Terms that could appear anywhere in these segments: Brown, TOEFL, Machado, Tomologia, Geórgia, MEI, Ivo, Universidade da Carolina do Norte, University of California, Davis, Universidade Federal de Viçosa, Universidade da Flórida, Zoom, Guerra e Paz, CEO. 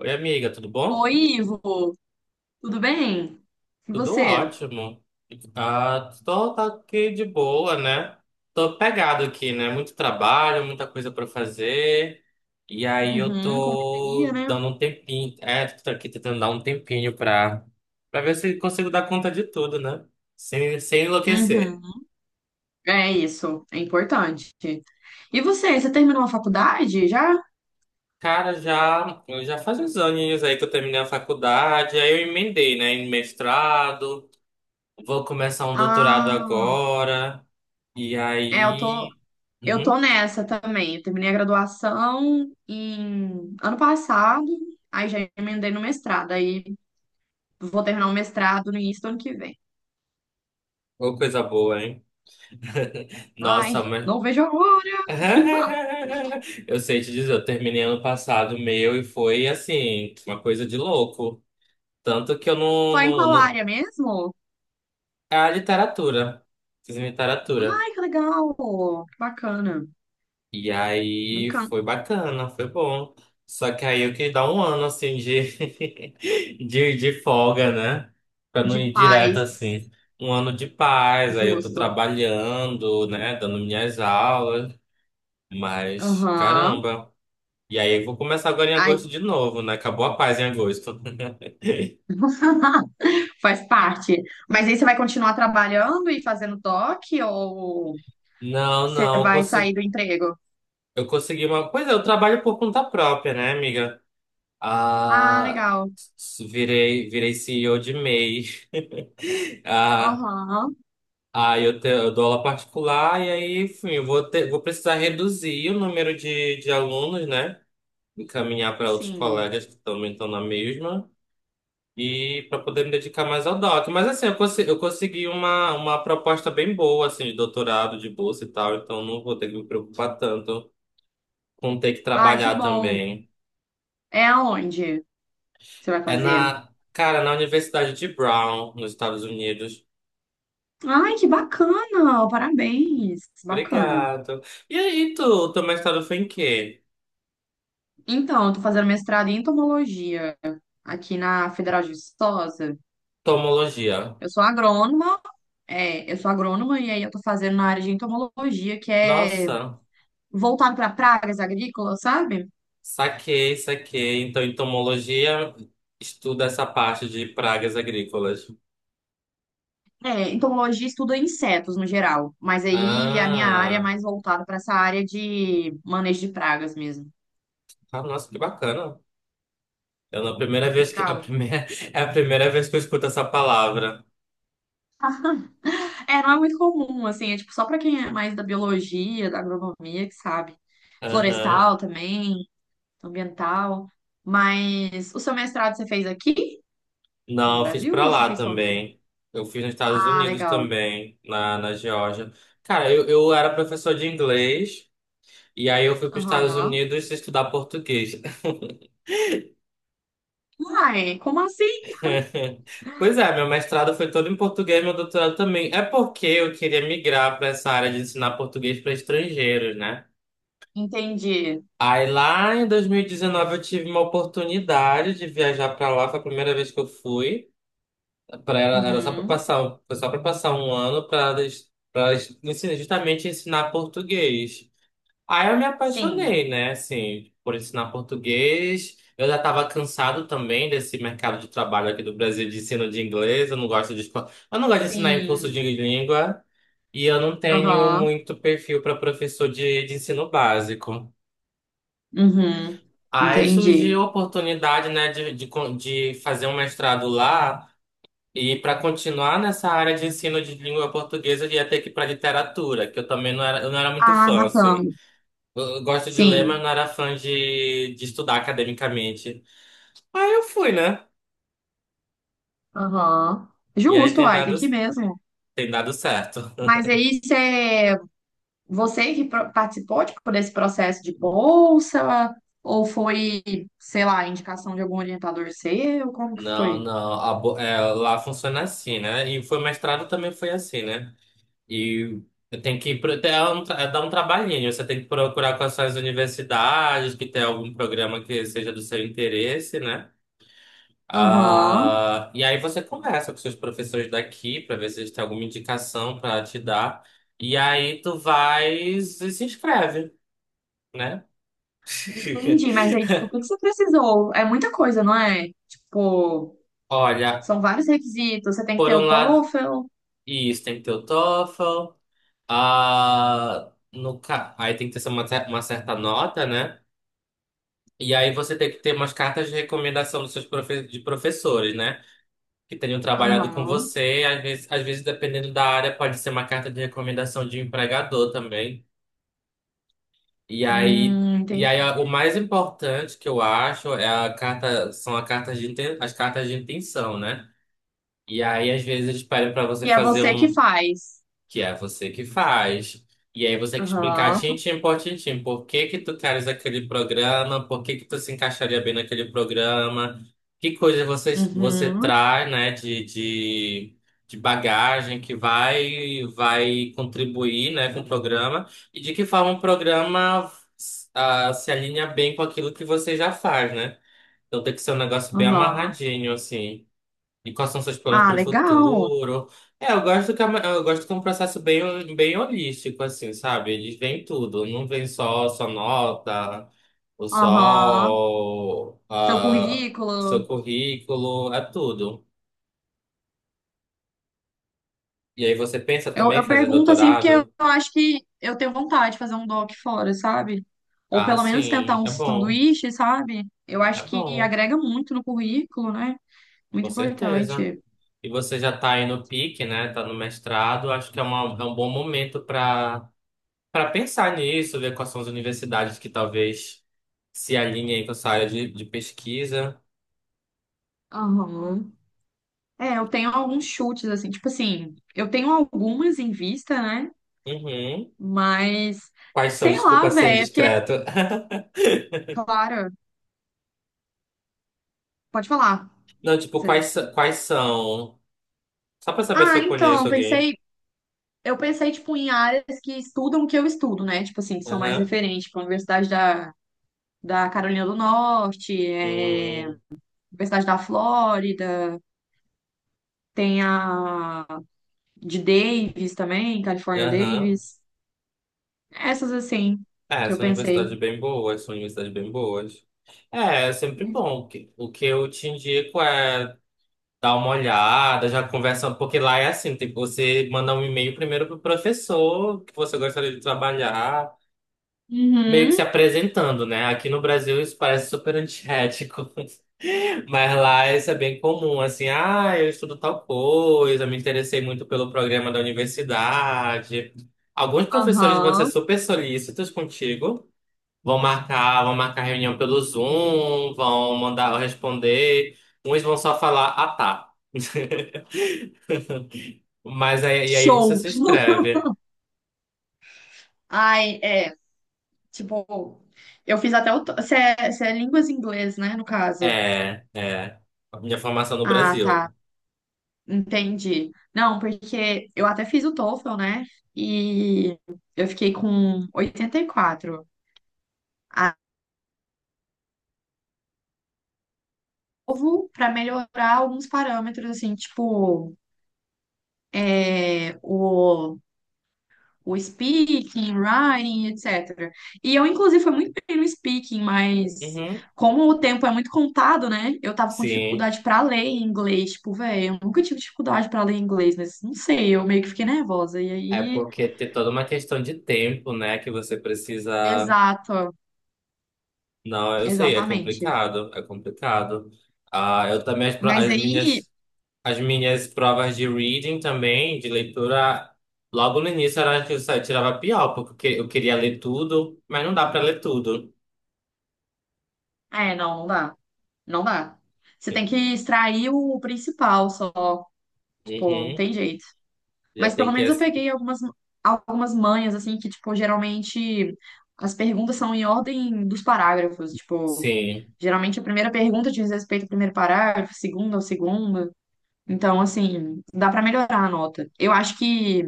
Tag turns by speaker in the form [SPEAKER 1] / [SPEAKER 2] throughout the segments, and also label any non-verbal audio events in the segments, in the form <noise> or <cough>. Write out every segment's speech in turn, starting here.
[SPEAKER 1] Oi, amiga, tudo bom?
[SPEAKER 2] Oi, Ivo, tudo bem? E
[SPEAKER 1] Tudo
[SPEAKER 2] você?
[SPEAKER 1] ótimo. Tô, tá aqui de boa, né? Tô pegado aqui, né? Muito trabalho, muita coisa pra fazer. E aí eu
[SPEAKER 2] Uhum,
[SPEAKER 1] tô
[SPEAKER 2] confeiteria, né?
[SPEAKER 1] dando um tempinho. É, tô aqui tentando dar um tempinho pra ver se consigo dar conta de tudo, né? Sem enlouquecer.
[SPEAKER 2] Uhum. É isso, é importante. E você, você terminou a faculdade já?
[SPEAKER 1] Cara, já, eu já faz uns aninhos aí que eu terminei a faculdade, aí eu emendei, né? Em mestrado, vou começar um doutorado
[SPEAKER 2] Ah,
[SPEAKER 1] agora. E
[SPEAKER 2] é, eu tô,
[SPEAKER 1] aí.
[SPEAKER 2] eu tô
[SPEAKER 1] Uhum.
[SPEAKER 2] nessa também. Eu terminei a graduação em ano passado, aí já emendei no mestrado, aí vou terminar o mestrado no início do ano que vem.
[SPEAKER 1] Ô, coisa boa, hein?
[SPEAKER 2] Ai,
[SPEAKER 1] Nossa, mas.
[SPEAKER 2] não vejo a hora. <laughs>
[SPEAKER 1] <laughs> Eu sei te dizer, eu terminei ano passado meu e foi assim, uma coisa de louco. Tanto que eu não,
[SPEAKER 2] Foi em
[SPEAKER 1] não,
[SPEAKER 2] qual
[SPEAKER 1] não...
[SPEAKER 2] área mesmo?
[SPEAKER 1] É a literatura. Fiz literatura.
[SPEAKER 2] Ai, que legal! Que bacana.
[SPEAKER 1] E aí
[SPEAKER 2] Bacana.
[SPEAKER 1] foi bacana, foi bom. Só que aí eu queria dar um ano assim <laughs> de folga, né? Pra não
[SPEAKER 2] De
[SPEAKER 1] ir direto
[SPEAKER 2] paz,
[SPEAKER 1] assim. Um ano de paz, aí eu tô
[SPEAKER 2] justo.
[SPEAKER 1] trabalhando, né? Dando minhas aulas. Mas,
[SPEAKER 2] Aham.
[SPEAKER 1] caramba. E aí, eu vou começar agora em
[SPEAKER 2] Ai,
[SPEAKER 1] agosto de novo, né? Acabou a paz em agosto. <laughs>
[SPEAKER 2] <laughs> faz parte. Mas aí você vai continuar trabalhando e fazendo toque ou
[SPEAKER 1] Não,
[SPEAKER 2] você
[SPEAKER 1] não,
[SPEAKER 2] vai sair do emprego?
[SPEAKER 1] eu consegui uma. Pois é, eu trabalho por conta própria, né, amiga?
[SPEAKER 2] Ah,
[SPEAKER 1] Ah,
[SPEAKER 2] legal.
[SPEAKER 1] virei CEO de MEI. <laughs> Ah,
[SPEAKER 2] Aham.
[SPEAKER 1] eu dou aula particular e aí, enfim, eu vou ter, vou precisar reduzir o número de alunos, né? Encaminhar para outros
[SPEAKER 2] Sim.
[SPEAKER 1] colegas que também estão na mesma. E para poder me dedicar mais ao doc. Mas assim, eu consegui uma proposta bem boa, assim, de doutorado, de bolsa e tal, então não vou ter que me preocupar tanto com ter que
[SPEAKER 2] Ai, que
[SPEAKER 1] trabalhar
[SPEAKER 2] bom.
[SPEAKER 1] também.
[SPEAKER 2] É aonde você vai
[SPEAKER 1] É
[SPEAKER 2] fazer?
[SPEAKER 1] cara, na Universidade de Brown, nos Estados Unidos.
[SPEAKER 2] Ai, que bacana! Parabéns! Bacana.
[SPEAKER 1] Obrigado. E aí, tu, o teu mestrado foi em quê?
[SPEAKER 2] Então, eu tô fazendo mestrado em entomologia aqui na Federal de Viçosa.
[SPEAKER 1] Tomologia.
[SPEAKER 2] Eu sou agrônoma. É, eu sou agrônoma e aí eu tô fazendo na área de entomologia, que é
[SPEAKER 1] Nossa,
[SPEAKER 2] voltado para pragas agrícolas, sabe?
[SPEAKER 1] saquei. Então, em tomologia, estuda essa parte de pragas agrícolas.
[SPEAKER 2] É, entomologia estuda insetos no geral, mas aí a minha área é
[SPEAKER 1] Ah,
[SPEAKER 2] mais voltada para essa área de manejo de pragas mesmo.
[SPEAKER 1] nossa, que bacana. Eu, na primeira vez que a
[SPEAKER 2] Legal.
[SPEAKER 1] primeira <laughs> é a primeira vez que eu escuto essa palavra.
[SPEAKER 2] É, não é muito comum, assim, é tipo só para quem é mais da biologia, da agronomia, que sabe.
[SPEAKER 1] Aham.
[SPEAKER 2] Florestal também, ambiental. Mas o seu mestrado você fez aqui no
[SPEAKER 1] Não, eu fiz
[SPEAKER 2] Brasil ou
[SPEAKER 1] pra
[SPEAKER 2] você
[SPEAKER 1] lá
[SPEAKER 2] fez fora?
[SPEAKER 1] também. Eu fiz nos Estados
[SPEAKER 2] Ah,
[SPEAKER 1] Unidos
[SPEAKER 2] legal.
[SPEAKER 1] também, na Geórgia. Cara, eu era professor de inglês e aí eu fui para os Estados
[SPEAKER 2] Aham.
[SPEAKER 1] Unidos estudar português. <laughs>
[SPEAKER 2] Uai, como assim?
[SPEAKER 1] Pois é, meu mestrado foi todo em português, meu doutorado também. É porque eu queria migrar para essa área de ensinar português para estrangeiros, né?
[SPEAKER 2] Entendi.
[SPEAKER 1] Aí lá em 2019 eu tive uma oportunidade de viajar para lá, foi a primeira vez que eu fui. Pra ela, era só para
[SPEAKER 2] Uhum.
[SPEAKER 1] passar, foi só para passar um ano para ensinar, justamente ensinar português. Aí eu me
[SPEAKER 2] Sim.
[SPEAKER 1] apaixonei, né, assim, por ensinar português. Eu já estava cansado também desse mercado de trabalho aqui do Brasil de ensino de inglês. Eu não gosto eu não gosto de ensinar em curso
[SPEAKER 2] Sim.
[SPEAKER 1] de língua e eu não tenho
[SPEAKER 2] Aham.
[SPEAKER 1] muito perfil para professor de ensino básico.
[SPEAKER 2] Uhum.
[SPEAKER 1] Aí surgiu
[SPEAKER 2] Entendi.
[SPEAKER 1] a oportunidade, né, de fazer um mestrado lá. E para continuar nessa área de ensino de língua portuguesa, eu ia ter que ir para literatura, que eu não era muito
[SPEAKER 2] Ah,
[SPEAKER 1] fã, assim.
[SPEAKER 2] bacana.
[SPEAKER 1] Eu gosto de ler, mas
[SPEAKER 2] Sim.
[SPEAKER 1] não era fã de estudar academicamente. Aí eu fui, né?
[SPEAKER 2] Aham.
[SPEAKER 1] E aí
[SPEAKER 2] Justo, uai, tem que ir mesmo.
[SPEAKER 1] tem dado certo.
[SPEAKER 2] Mas aí você que participou, tipo, desse processo de bolsa, ou foi, sei lá, indicação de algum orientador seu? Como que
[SPEAKER 1] Não,
[SPEAKER 2] foi?
[SPEAKER 1] não. É, lá funciona assim, né? E foi mestrado também foi assim, né? E tem que é é dar um trabalhinho. Você tem que procurar quais são as universidades, que tem algum programa que seja do seu interesse, né?
[SPEAKER 2] Aham.
[SPEAKER 1] E aí você conversa com seus professores daqui para ver se eles têm alguma indicação para te dar. E aí tu vai e se inscreve, né? <laughs>
[SPEAKER 2] Entendi, mas aí, tipo, o que que você precisou? É muita coisa, não é? Tipo,
[SPEAKER 1] Olha,
[SPEAKER 2] são vários requisitos. Você tem que
[SPEAKER 1] por
[SPEAKER 2] ter
[SPEAKER 1] um
[SPEAKER 2] o
[SPEAKER 1] lado,
[SPEAKER 2] TOEFL.
[SPEAKER 1] isso tem que ter o TOEFL. Ah, no, ca- Aí tem que ter uma certa nota, né? E aí você tem que ter umas cartas de recomendação dos seus profe de professores, né? Que tenham trabalhado com
[SPEAKER 2] Aham.
[SPEAKER 1] você. Às vezes, dependendo da área, pode ser uma carta de recomendação de um empregador também. E aí, e aí
[SPEAKER 2] Entendi.
[SPEAKER 1] o mais importante que eu acho é a carta, são a carta de as cartas de intenção, né? E aí, às vezes, eles pedem para você
[SPEAKER 2] Que é
[SPEAKER 1] fazer
[SPEAKER 2] você que
[SPEAKER 1] um
[SPEAKER 2] faz.
[SPEAKER 1] que é você que faz. E aí você tem que explicar
[SPEAKER 2] Aham.
[SPEAKER 1] tintim por tintim por que que tu queres aquele programa, por que que tu se encaixaria bem naquele programa, que coisa você
[SPEAKER 2] Uhum.
[SPEAKER 1] traz, né, de bagagem que vai contribuir, né, com o programa e de que forma o programa se alinha bem com aquilo que você já faz, né? Então tem que ser um negócio bem
[SPEAKER 2] Aham.
[SPEAKER 1] amarradinho, assim. E quais são seus planos
[SPEAKER 2] Ah,
[SPEAKER 1] para o
[SPEAKER 2] legal.
[SPEAKER 1] futuro? É, eu gosto que é um processo bem, bem holístico, assim, sabe? Eles veem tudo, não vem só sua nota, o
[SPEAKER 2] Aham.
[SPEAKER 1] sol,
[SPEAKER 2] Seu
[SPEAKER 1] ah,
[SPEAKER 2] currículo.
[SPEAKER 1] seu currículo, é tudo. E aí você pensa
[SPEAKER 2] Eu,
[SPEAKER 1] também em
[SPEAKER 2] eu
[SPEAKER 1] fazer
[SPEAKER 2] pergunto assim, porque eu
[SPEAKER 1] doutorado?
[SPEAKER 2] acho que eu tenho vontade de fazer um doc fora, sabe? Ou
[SPEAKER 1] Ah,
[SPEAKER 2] pelo menos tentar um sanduíche, sabe? Eu
[SPEAKER 1] é
[SPEAKER 2] acho que
[SPEAKER 1] bom,
[SPEAKER 2] agrega muito no currículo, né? Muito
[SPEAKER 1] com certeza.
[SPEAKER 2] importante.
[SPEAKER 1] E você já está aí no pique, né? Tá no mestrado, acho que é, é um bom momento para para pensar nisso, ver quais são as universidades que talvez se alinhem com essa área de pesquisa.
[SPEAKER 2] Aham. É, eu tenho alguns chutes, assim, tipo assim, eu tenho algumas em vista, né?
[SPEAKER 1] Uhum.
[SPEAKER 2] Mas,
[SPEAKER 1] Quais são?
[SPEAKER 2] sei lá,
[SPEAKER 1] Desculpa ser
[SPEAKER 2] velho, é porque,
[SPEAKER 1] indiscreto. <laughs>
[SPEAKER 2] claro, pode falar.
[SPEAKER 1] Não, tipo,
[SPEAKER 2] Você...
[SPEAKER 1] quais são? Só para saber se
[SPEAKER 2] Ah,
[SPEAKER 1] eu conheço
[SPEAKER 2] então,
[SPEAKER 1] alguém.
[SPEAKER 2] eu pensei, tipo, em áreas que estudam o que eu estudo, né? Tipo assim, que são mais
[SPEAKER 1] Aham.
[SPEAKER 2] referentes, tipo, a Universidade da Carolina do Norte, é,
[SPEAKER 1] Hum,
[SPEAKER 2] Universidade da Flórida, tem a de Davis também, California
[SPEAKER 1] aham.
[SPEAKER 2] Davis. Essas, assim,
[SPEAKER 1] É,
[SPEAKER 2] que eu
[SPEAKER 1] são universidades
[SPEAKER 2] pensei.
[SPEAKER 1] bem boas, são universidades bem boas. É, é sempre bom. O que eu te indico é dá uma olhada, já conversa, porque lá é assim, tipo, você manda um e-mail primeiro pro professor que você gostaria de trabalhar, meio que se
[SPEAKER 2] Uhum,
[SPEAKER 1] apresentando, né? Aqui no Brasil isso parece super antiético, <laughs> mas lá isso é bem comum, assim, ah, eu estudo tal coisa, me interessei muito pelo programa da universidade. Alguns professores vão ser
[SPEAKER 2] aham,
[SPEAKER 1] super solícitos contigo, vão marcar reunião pelo Zoom, vão mandar responder, uns vão só falar, ah, tá. <laughs> Mas aí, e aí você
[SPEAKER 2] show.
[SPEAKER 1] se
[SPEAKER 2] <laughs>
[SPEAKER 1] inscreve.
[SPEAKER 2] Ai, é. Tipo, eu fiz até o se é, se é línguas em inglês, né, no caso.
[SPEAKER 1] É, é. A minha formação no
[SPEAKER 2] Ah,
[SPEAKER 1] Brasil.
[SPEAKER 2] tá. Entendi. Não, porque eu até fiz o TOEFL, né? E eu fiquei com 84. Ah, novo para melhorar alguns parâmetros, assim, tipo, é, o speaking, writing, etc. E eu, inclusive, fui muito bem no speaking, mas
[SPEAKER 1] Uhum.
[SPEAKER 2] como o tempo é muito contado, né? Eu tava com
[SPEAKER 1] Sim.
[SPEAKER 2] dificuldade pra ler em inglês. Tipo, velho, eu nunca tive dificuldade pra ler em inglês, mas não sei, eu meio que fiquei nervosa. E
[SPEAKER 1] É
[SPEAKER 2] aí.
[SPEAKER 1] porque tem toda uma questão de tempo, né? Que você precisa.
[SPEAKER 2] Exato,
[SPEAKER 1] Não, eu sei, é
[SPEAKER 2] exatamente.
[SPEAKER 1] complicado. É complicado. Ah, eu também,
[SPEAKER 2] Mas aí.
[SPEAKER 1] as minhas provas de reading também, de leitura, logo no início era que eu só tirava pior, porque eu queria ler tudo, mas não dá pra ler tudo.
[SPEAKER 2] É, não, não dá. Não dá. Você tem que extrair o principal só. Tipo, não
[SPEAKER 1] Uhum.
[SPEAKER 2] tem jeito.
[SPEAKER 1] Já
[SPEAKER 2] Mas pelo
[SPEAKER 1] tem que.
[SPEAKER 2] menos eu peguei algumas manhas, assim, que, tipo, geralmente as perguntas são em ordem dos parágrafos. Tipo,
[SPEAKER 1] Sim,
[SPEAKER 2] geralmente a primeira pergunta diz respeito ao primeiro parágrafo, a segunda ao segundo. Então, assim, dá pra melhorar a nota. Eu acho que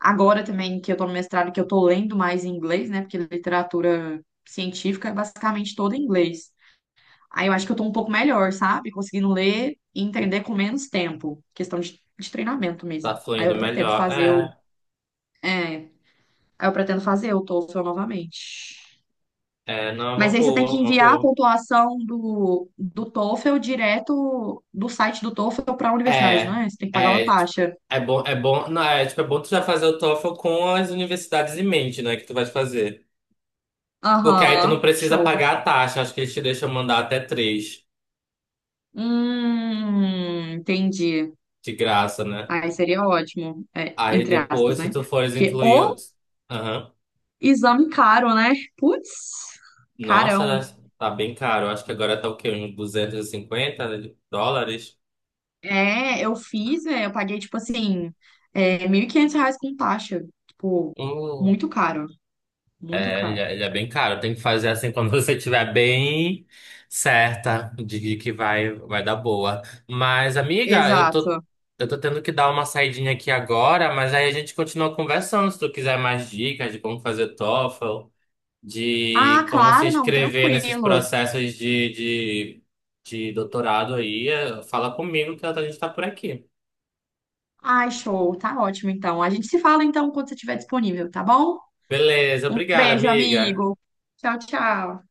[SPEAKER 2] agora também que eu tô no mestrado, que eu tô lendo mais em inglês, né? Porque literatura científica é basicamente toda em inglês. Aí eu acho que eu tô um pouco melhor, sabe? Conseguindo ler e entender com menos tempo. Questão de treinamento
[SPEAKER 1] tá
[SPEAKER 2] mesmo. Aí eu
[SPEAKER 1] fluindo
[SPEAKER 2] pretendo
[SPEAKER 1] melhor.
[SPEAKER 2] fazer
[SPEAKER 1] É.
[SPEAKER 2] é, aí eu pretendo fazer o TOEFL novamente.
[SPEAKER 1] É, não, é
[SPEAKER 2] Mas
[SPEAKER 1] uma
[SPEAKER 2] aí você tem
[SPEAKER 1] boa,
[SPEAKER 2] que
[SPEAKER 1] uma
[SPEAKER 2] enviar a
[SPEAKER 1] boa.
[SPEAKER 2] pontuação do TOEFL direto do site do TOEFL para a universidade, não
[SPEAKER 1] É,
[SPEAKER 2] é? Você tem que pagar uma
[SPEAKER 1] é, tipo,
[SPEAKER 2] taxa.
[SPEAKER 1] é bom, não, é, tipo, é bom tu já fazer o TOEFL com as universidades em mente, né, que tu vai fazer. Porque aí tu não
[SPEAKER 2] Aham,
[SPEAKER 1] precisa
[SPEAKER 2] show.
[SPEAKER 1] pagar a taxa, acho que eles te deixam mandar até três
[SPEAKER 2] Entendi.
[SPEAKER 1] de graça, né?
[SPEAKER 2] Aí seria ótimo, é,
[SPEAKER 1] Aí
[SPEAKER 2] entre aspas,
[SPEAKER 1] depois, se
[SPEAKER 2] né?
[SPEAKER 1] tu fores
[SPEAKER 2] Porque
[SPEAKER 1] incluir...
[SPEAKER 2] o
[SPEAKER 1] Aham.
[SPEAKER 2] exame caro, né? Putz,
[SPEAKER 1] Nossa,
[SPEAKER 2] carão.
[SPEAKER 1] tá bem caro, acho que agora tá o quê, uns 250 dólares?
[SPEAKER 2] É, eu fiz, é, eu paguei, tipo assim, é, 1.500 reais com taxa. Tipo,
[SPEAKER 1] Hum.
[SPEAKER 2] muito caro, muito
[SPEAKER 1] É,
[SPEAKER 2] caro.
[SPEAKER 1] ele é bem caro. Tem que fazer assim quando <laughs> você estiver bem certa de que vai dar boa. Mas, amiga,
[SPEAKER 2] Exato.
[SPEAKER 1] eu tô tendo que dar uma saidinha aqui agora, mas aí a gente continua conversando. Se tu quiser mais dicas de como fazer TOEFL,
[SPEAKER 2] Ah,
[SPEAKER 1] de como se
[SPEAKER 2] claro, não,
[SPEAKER 1] inscrever nesses
[SPEAKER 2] tranquilo.
[SPEAKER 1] processos de doutorado aí, fala comigo que a gente tá por aqui.
[SPEAKER 2] Ai, show, tá ótimo então. A gente se fala então quando você estiver disponível, tá bom?
[SPEAKER 1] Beleza,
[SPEAKER 2] Um
[SPEAKER 1] obrigado,
[SPEAKER 2] beijo,
[SPEAKER 1] amiga.
[SPEAKER 2] amigo. Tchau, tchau.